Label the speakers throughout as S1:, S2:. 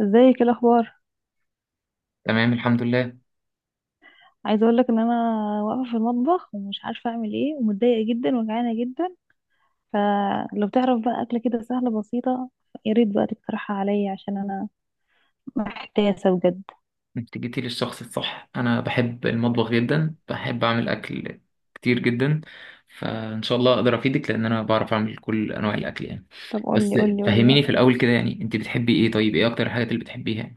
S1: ازيك؟ إيه الاخبار؟
S2: تمام الحمد لله.
S1: عايزه اقول لك ان انا واقفه في المطبخ ومش عارفه اعمل ايه ومتضايقه جدا وجعانه جدا. فلو تعرف بقى اكله كده سهله بسيطه، يا ريت بقى تقترحها عليا عشان انا محتاسه بجد.
S2: انت جيتي للشخص الصح. انا بحب المطبخ جدا، بحب اعمل اكل كتير جدا. فان شاء الله اقدر افيدك لان انا بعرف اعمل كل انواع الاكل يعني.
S1: طب قولي
S2: بس
S1: قولي قولي بقى.
S2: فهميني في الاول كده، يعني انت بتحبي ايه؟ طيب ايه اكتر الحاجات اللي بتحبيها يعني؟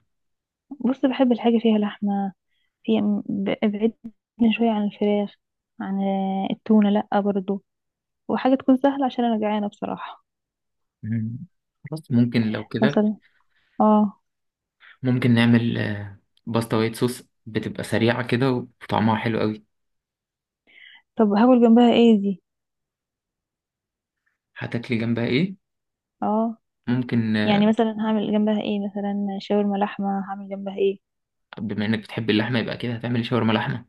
S1: بص، بحب الحاجه فيها لحمه. في، ابعدني شويه عن الفراخ. عن التونه لا برضو. وحاجه تكون سهله عشان انا جعانه بصراحه.
S2: مم. خلاص، ممكن لو كده
S1: مثلا، اه.
S2: ممكن نعمل باستا وايت صوص، بتبقى سريعة كده وطعمها حلو قوي.
S1: طب هاكل جنبها ايه دي؟
S2: هتاكلي جنبها ايه؟
S1: اه،
S2: ممكن
S1: يعني مثلا هعمل جنبها ايه؟ مثلا شاورما لحمه، هعمل جنبها ايه؟
S2: بما انك بتحبي اللحمة يبقى كده هتعملي شاورما لحمة.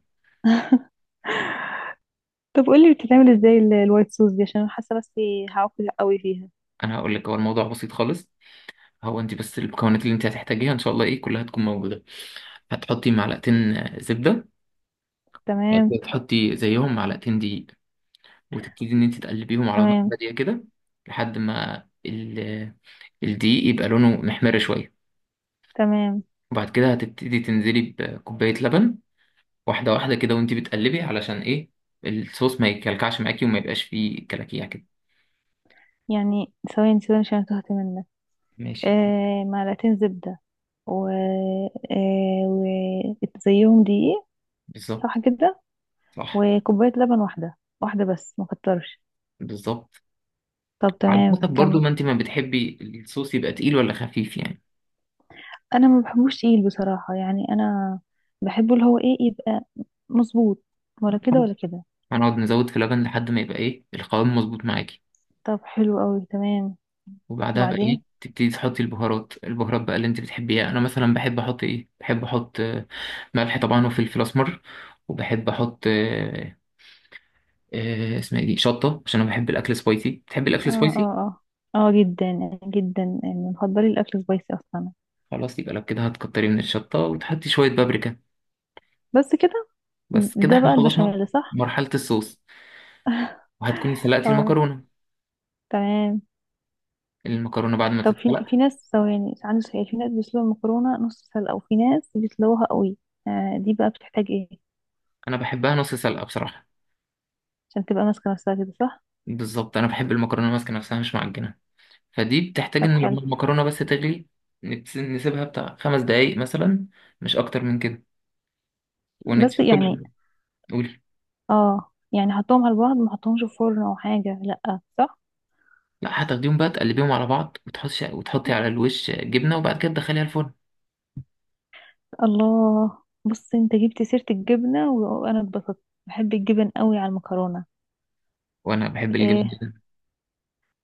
S1: طب قولي بتتعمل ازاي الوايت صوص دي؟ عشان أنا حاسه نفسي هعقل قوي فيها.
S2: انا هقول لك، هو الموضوع بسيط خالص. هو انت بس المكونات اللي انت هتحتاجيها ان شاء الله ايه كلها تكون موجوده. هتحطي معلقتين زبده. بعد كده
S1: تمام،
S2: تحطي زيهم معلقتين دقيق، وتبتدي ان انت تقلبيهم على نار
S1: تمام،
S2: هاديه كده لحد ما الدقيق يبقى لونه محمر شويه.
S1: تمام.
S2: وبعد كده هتبتدي تنزلي بكوبايه لبن، واحده واحده كده وانت بتقلبي، علشان ايه؟ الصوص ما يكلكعش معاكي وما يبقاش فيه كلاكيع كده.
S1: يعني ثواني ثواني، عشان أنا تهت منك.
S2: ماشي،
S1: آه، معلقتين زبده. و وزيهم دقيق.
S2: بالظبط،
S1: صح كده؟
S2: صح،
S1: وكوبايه لبن، واحده واحده، بس ما كترش.
S2: بالظبط.
S1: طب
S2: على
S1: تمام،
S2: حسب برضو
S1: كمل.
S2: ما انت ما بتحبي، الصوص يبقى تقيل ولا خفيف يعني.
S1: انا ما بحبوش تقيل بصراحه، يعني انا بحبه اللي هو ايه، يبقى مظبوط. ولا كده ولا كده.
S2: هنقعد نزود في لبن لحد ما يبقى ايه القوام مظبوط معاكي.
S1: طب حلو قوي، تمام.
S2: وبعدها بقى ايه،
S1: وبعدين؟
S2: تبتدي تحطي البهارات، البهارات بقى اللي انت بتحبيها، انا مثلا بحب احط ايه، بحب احط ملح طبعا وفلفل اسمر، وبحب احط اسمها ايه دي، شطه، عشان انا بحب الاكل سبايسي. بتحبي الاكل
S1: اه، اه،
S2: سبايسي؟
S1: اه، اه جدا جدا يعني، مفضلي الاكل سبايسي اصلا.
S2: خلاص، يبقى لو كده هتكتري من الشطه وتحطي شويه بابريكا.
S1: بس كده؟
S2: بس كده
S1: ده
S2: احنا
S1: بقى
S2: خلصنا
S1: البشاميل، صح؟
S2: مرحله الصوص، وهتكوني سلقتي
S1: اه،
S2: المكرونه.
S1: تمام.
S2: المكرونه بعد ما
S1: طب، في
S2: تتسلق،
S1: في ناس، ثواني، عندي سؤال. في ناس بيسلقوا المكرونه نص سلقه، وفي ناس بيسلقوها قوي. آه، دي بقى بتحتاج ايه؟
S2: انا بحبها نص سلقه بصراحه.
S1: عشان تبقى ماسكه نفسها كده، صح؟
S2: بالظبط، انا بحب المكرونه ماسكه نفسها مش معجنه. فدي بتحتاج
S1: طب
S2: ان
S1: حلو.
S2: لما المكرونه بس تغلي نسيبها بتاع خمس دقايق مثلا، مش اكتر من كده.
S1: بس
S2: ونتسيب
S1: يعني،
S2: كل، قولي.
S1: اه يعني حطهم على بعض، ما حطهمش في فرن او حاجه، لا صح؟
S2: لا، هتاخديهم بقى تقلبيهم على بعض وتحطي على الوش جبنه وبعد كده تدخليها الفرن.
S1: الله! بص، انت جبت سيره الجبنه وانا اتبسطت، بحب الجبن قوي على المكرونه.
S2: وانا بحب الجبن
S1: إيه؟
S2: جدا.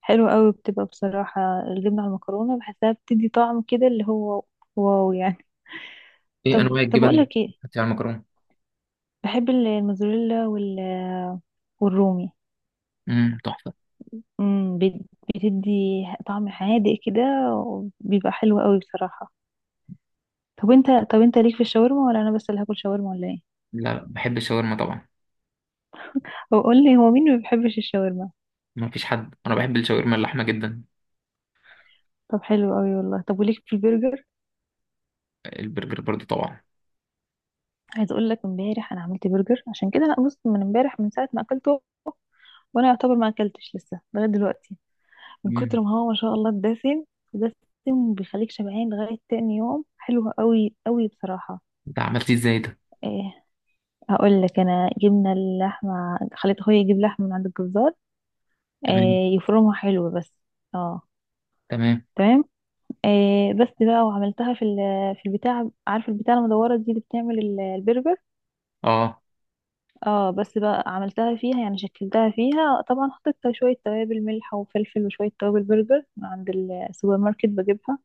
S1: حلو قوي، بتبقى بصراحة الجبنة على المكرونة بحسها بتدي طعم كده، اللي هو واو يعني.
S2: ايه
S1: طب،
S2: انواع
S1: طب
S2: الجبن
S1: اقول
S2: اللي
S1: لك ايه،
S2: بتحطي على المكرونه؟
S1: بحب الموزاريلا والرومي.
S2: تحفه.
S1: امم، بتدي طعم حادق كده، وبيبقى حلو قوي بصراحة. طب انت، طب انت ليك في الشاورما، ولا انا بس اللي هاكل شاورما ولا ايه؟
S2: لا لا، بحب الشاورما طبعا.
S1: هو قول لي، هو مين ما بيحبش الشاورما؟
S2: ما فيش حد، انا بحب الشاورما اللحمه جدا.
S1: طب حلو قوي والله. طب وليك في البرجر؟
S2: البرجر برضو طبعا.
S1: عايز اقول لك، امبارح انا عملت برجر. عشان كده انا، بص، من امبارح من ساعة ما اكلته وانا يعتبر ما اكلتش لسه لغاية دلوقتي. من
S2: امم
S1: كتر ما هو ما شاء الله الدسم. دسم، بيخليك شبعان لغاية تاني يوم، حلو قوي قوي بصراحة.
S2: ده عملتيه ازاي ده؟
S1: إيه؟ هقول لك. انا جبنا اللحمة، خليت اخويا يجيب لحمة من عند الجزار.
S2: تمام.
S1: إيه؟ يفرمها حلو بس. اه،
S2: تمام.
S1: تمام. إيه، بس بقى، وعملتها في في البتاع، عارف البتاع المدورة دي اللي بتعمل البرجر؟
S2: اه.
S1: اه، بس بقى عملتها فيها، يعني شكلتها فيها. طبعا حطيت شوية توابل، ملح وفلفل وشوية توابل برجر من عند السوبر ماركت بجيبها.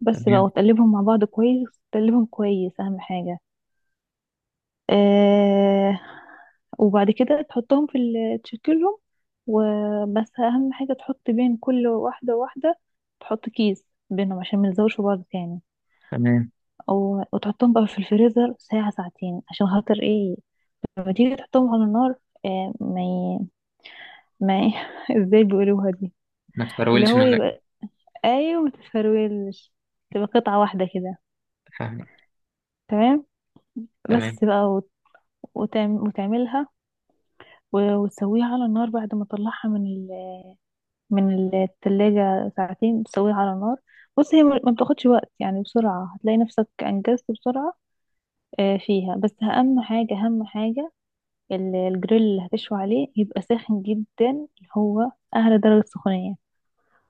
S1: بس بقى،
S2: تمام.
S1: وتقلبهم مع بعض كويس، تقلبهم كويس اهم حاجة. آه، وبعد كده تحطهم في تشكلهم. وبس اهم حاجة، تحط بين كل واحدة واحدة، تحط كيس بينهم عشان ما يلزقوش في بعض تاني.
S2: تمام.
S1: أو وتحطهم بقى في الفريزر ساعة ساعتين، عشان خاطر ايه؟ لما تيجي تحطهم على النار. آه، ما ي... ما ي... ازاي بيقولوها دي؟
S2: ما
S1: اللي
S2: تفرولش
S1: هو
S2: منك.
S1: يبقى، ايوه، ما تتفرولش، تبقى قطعة واحدة كده.
S2: فاهمك.
S1: تمام.
S2: تمام.
S1: بس بقى وتعملها، وتسويها على النار بعد ما تطلعها من من التلاجة ساعتين، تسويها على النار. بص، هي ما بتاخدش وقت يعني، بسرعة هتلاقي نفسك أنجزت بسرعة. آه، فيها بس أهم حاجة، أهم حاجة الجريل اللي هتشوي عليه، يبقى ساخن جدا، اللي هو أعلى درجة سخونية.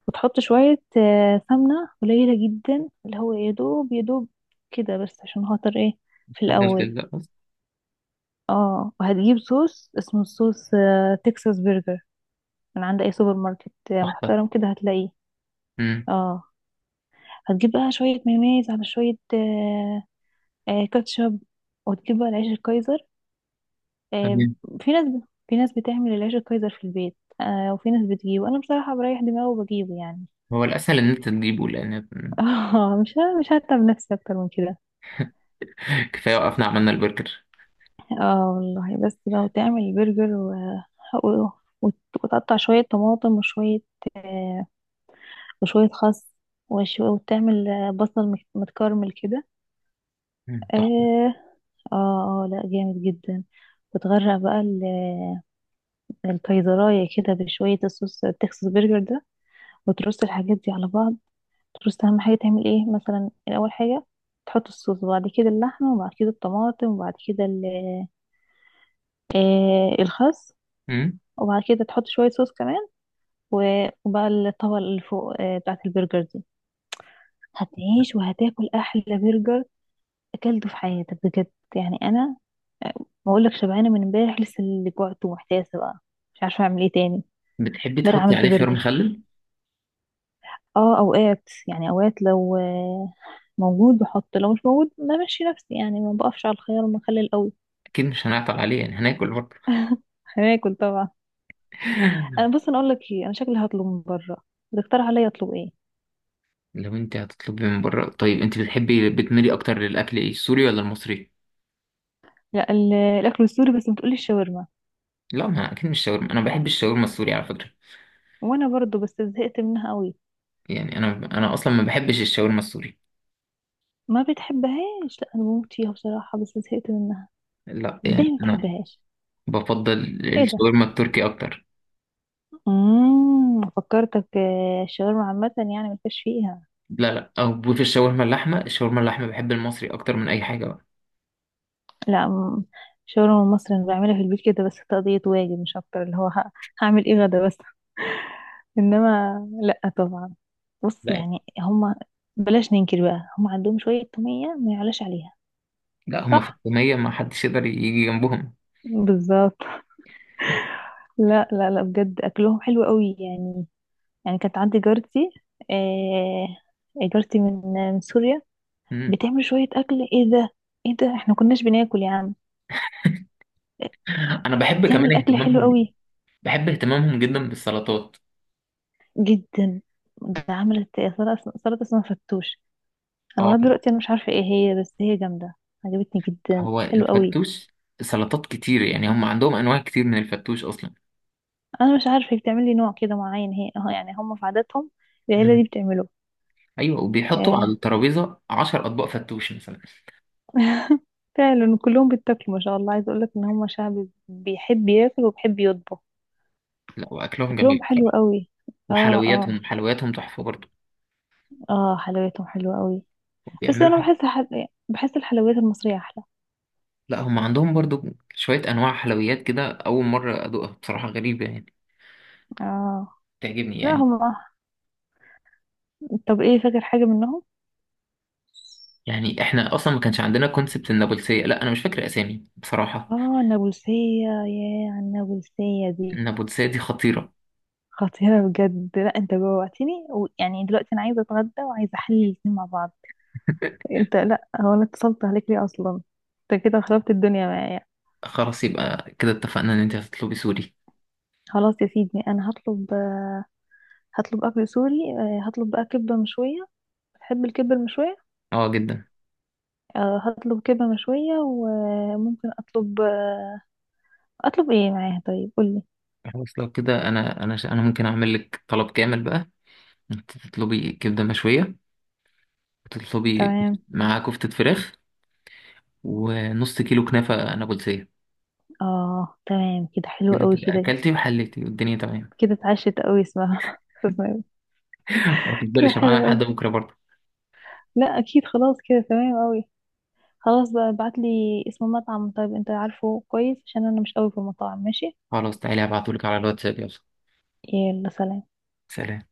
S1: وتحط شوية سمنة قليلة جدا اللي هو يدوب يدوب كده بس، عشان خاطر ايه؟ في
S2: خلاص.
S1: الأول. اه، وهتجيب صوص، اسمه صوص تكساس برجر، من عند اي سوبر ماركت
S2: تحفة.
S1: محترم كده هتلاقيه.
S2: مم.
S1: اه، هتجيب بقى شوية مايونيز على شوية، كاتشب. وتجيب بقى العيش الكايزر. آه،
S2: تمام.
S1: في ناس، في ناس بتعمل العيش الكايزر في البيت، آه، وفي ناس بتجيبه. انا بصراحة بريح دماغي وبجيبه يعني.
S2: هو الأسهل إن أنت تجيبه لأن.
S1: اه، مش مش هتعب نفسي اكتر من كده.
S2: كفاية وقفنا عملنا البرجر.
S1: اه والله، بس بقى وتعمل برجر و... وت- وتقطع شوية طماطم وشوية، آه وشوية خس، وتعمل بصل متكرمل كده.
S2: مم. تحفة.
S1: آه، اه، اه، لا، جامد جدا. بتغرق بقى الكيزرايه كده بشويه الصوص التكساس برجر ده، وترص الحاجات دي على بعض. ترص اهم حاجه، تعمل ايه مثلا الاول حاجه؟ تحط الصوص، وبعد كده اللحمه، وبعد كده الطماطم، وبعد كده الخس.
S2: مم.
S1: وبعد كده تحط شويه صوص كمان، وبقى الطبقه اللي فوق بتاعه البرجر دي. هتعيش وهتاكل احلى برجر اكلته في حياتك بجد. يعني انا، ما اقولك شبعانه من امبارح لسه اللي جوعت ومحتاسه بقى، مش عارفه اعمل ايه تاني.
S2: بتحبي
S1: امبارح
S2: تحطي
S1: عملت
S2: عليه خيار
S1: برجر.
S2: مخلل؟
S1: اه، اوقات يعني، اوقات لو موجود بحط، لو مش موجود بمشي نفسي، يعني ما بقفش على الخيار المخلل قوي.
S2: أكيد مش هنعطل عليه يعني، هناكل برضه.
S1: هاكل طبعا. انا، بص، انا اقول لك ايه، انا شكلي هطلب من بره. بتقترح عليا اطلب ايه؟
S2: لو أنت هتطلبي من بره، طيب أنت بتحبي بتميلي أكتر للأكل إيه، السوري ولا المصري؟
S1: لا، الاكل السوري، بس بتقولي الشاورما،
S2: لا، ما أكيد مش شاورما، أنا ما بحبش الشاورما السوري على فكرة.
S1: وانا برضو بس زهقت منها قوي.
S2: يعني أنا أصلا ما بحبش الشاورما السوري.
S1: ما بتحبهاش؟ لا انا بموت فيها بصراحه بس زهقت منها.
S2: لا
S1: ازاي
S2: يعني
S1: ما
S2: أنا
S1: بتحبهاش؟
S2: بفضل
S1: ايه ده؟
S2: الشاورما التركي أكتر.
S1: امم، فكرتك الشاورما عامه يعني، ما فيش فيها.
S2: لا لا، أو في الشاورما اللحمة، الشاورما اللحمة بحب المصري أكتر من أي حاجة بقى.
S1: لا، شاورما مصري انا بعملها في البيت كده بس تقضية واجب، مش اكتر، اللي هو هعمل ايه غدا بس. انما لا طبعا. بص
S2: لا.
S1: يعني هما، بلاش ننكر بقى، هما عندهم شوية تومية ما يعلاش عليها.
S2: لا، هم في
S1: صح،
S2: التومية ما حدش يقدر يجي جنبهم.
S1: بالظبط. لا لا لا، بجد اكلهم حلو قوي يعني. يعني كانت عندي جارتي، آه، جارتي من سوريا.
S2: مم.
S1: بتعمل شوية اكل، ايه ده؟ ايه ده احنا كناش بناكل يا عم.
S2: انا بحب كمان
S1: تعمل اكل حلو
S2: اهتمامهم،
S1: قوي
S2: بحب اهتمامهم جدا بالسلطات.
S1: جدا. ده عملت سلطة، سلطة اسمها فتوش. انا
S2: اه
S1: لغايه
S2: طبعا.
S1: دلوقتي انا مش عارفه ايه هي، بس هي جامده. عجبتني جدا،
S2: هو
S1: حلو قوي.
S2: الفتوش سلطات كتير يعني، هم عندهم انواع كتير من الفتوش اصلا.
S1: انا مش عارفه، هي بتعمل لي نوع كده معين، هي اه، يعني هم في عاداتهم العيله دي
S2: مم.
S1: بتعمله.
S2: ايوه، وبيحطوا على
S1: آه،
S2: الترابيزه 10 اطباق فتوش مثلا.
S1: فعلا كلهم بيتاكلوا ما شاء الله. عايز اقول لك ان هم شعب بيحب ياكل وبيحب يطبخ.
S2: لا، واكلهم
S1: اكلهم
S2: جميل
S1: حلو
S2: بصراحه،
S1: قوي، اه، اه.
S2: وحلوياتهم، حلوياتهم تحفه برضو.
S1: اه، حلوياتهم حلوه قوي. بس
S2: بيعملوا
S1: انا
S2: حاجه.
S1: بحس بحس الحلويات المصريه احلى.
S2: لا هم عندهم برضو شويه انواع حلويات كده، اول مره ادوقها بصراحه، غريبه يعني،
S1: اه،
S2: تعجبني
S1: لا
S2: يعني.
S1: هم. طب ايه، فاكر حاجه منهم؟
S2: يعني احنا اصلا ما كانش عندنا كونسبت النابلسية، لا انا مش فاكر اسامي بصراحة.
S1: اه، النابلسيه، يا النابلسيه دي
S2: النابلسية دي خطيرة.
S1: خطيرة بجد. لا، انت جوعتني ويعني دلوقتي انا عايزة اتغدى وعايزة احلل الاتنين مع بعض. انت، لا، هو انا اتصلت عليك ليه اصلا؟ انت كده خربت الدنيا معايا.
S2: خلاص، يبقى كده اتفقنا ان انت هتطلبي سوري.
S1: خلاص يا سيدي، انا هطلب، هطلب اكل سوري. آه، هطلب بقى كبة مشوية. بتحب الكبة المشوية؟
S2: اه جدا.
S1: آه، هطلب كبة مشوية، وممكن اطلب، اطلب ايه معاها طيب؟ قولي.
S2: خلاص لو كده، انا ممكن اعمل لك طلب كامل بقى. انت تطلبي كبدة مشوية، وتطلبي
S1: تمام.
S2: مع كفتة فراخ ونص كيلو كنافة نابلسية.
S1: اه، تمام كده، حلو
S2: كده
S1: قوي
S2: تبقى
S1: كده.
S2: اكلتي وحليتي والدنيا تمام.
S1: كده اتعشت قوي، اسمها اسمها إيه؟
S2: ما
S1: كده
S2: تفضليش معانا
S1: حلو قوي.
S2: لحد بكرة برضه.
S1: لا اكيد، خلاص كده تمام قوي. خلاص بقى، ابعتلي اسم المطعم طيب، انت عارفه كويس عشان انا مش قوي في المطاعم. ماشي.
S2: خلاص، تعالي هبعتهولك على الواتساب، يلا.
S1: يلا سلام.
S2: سلام.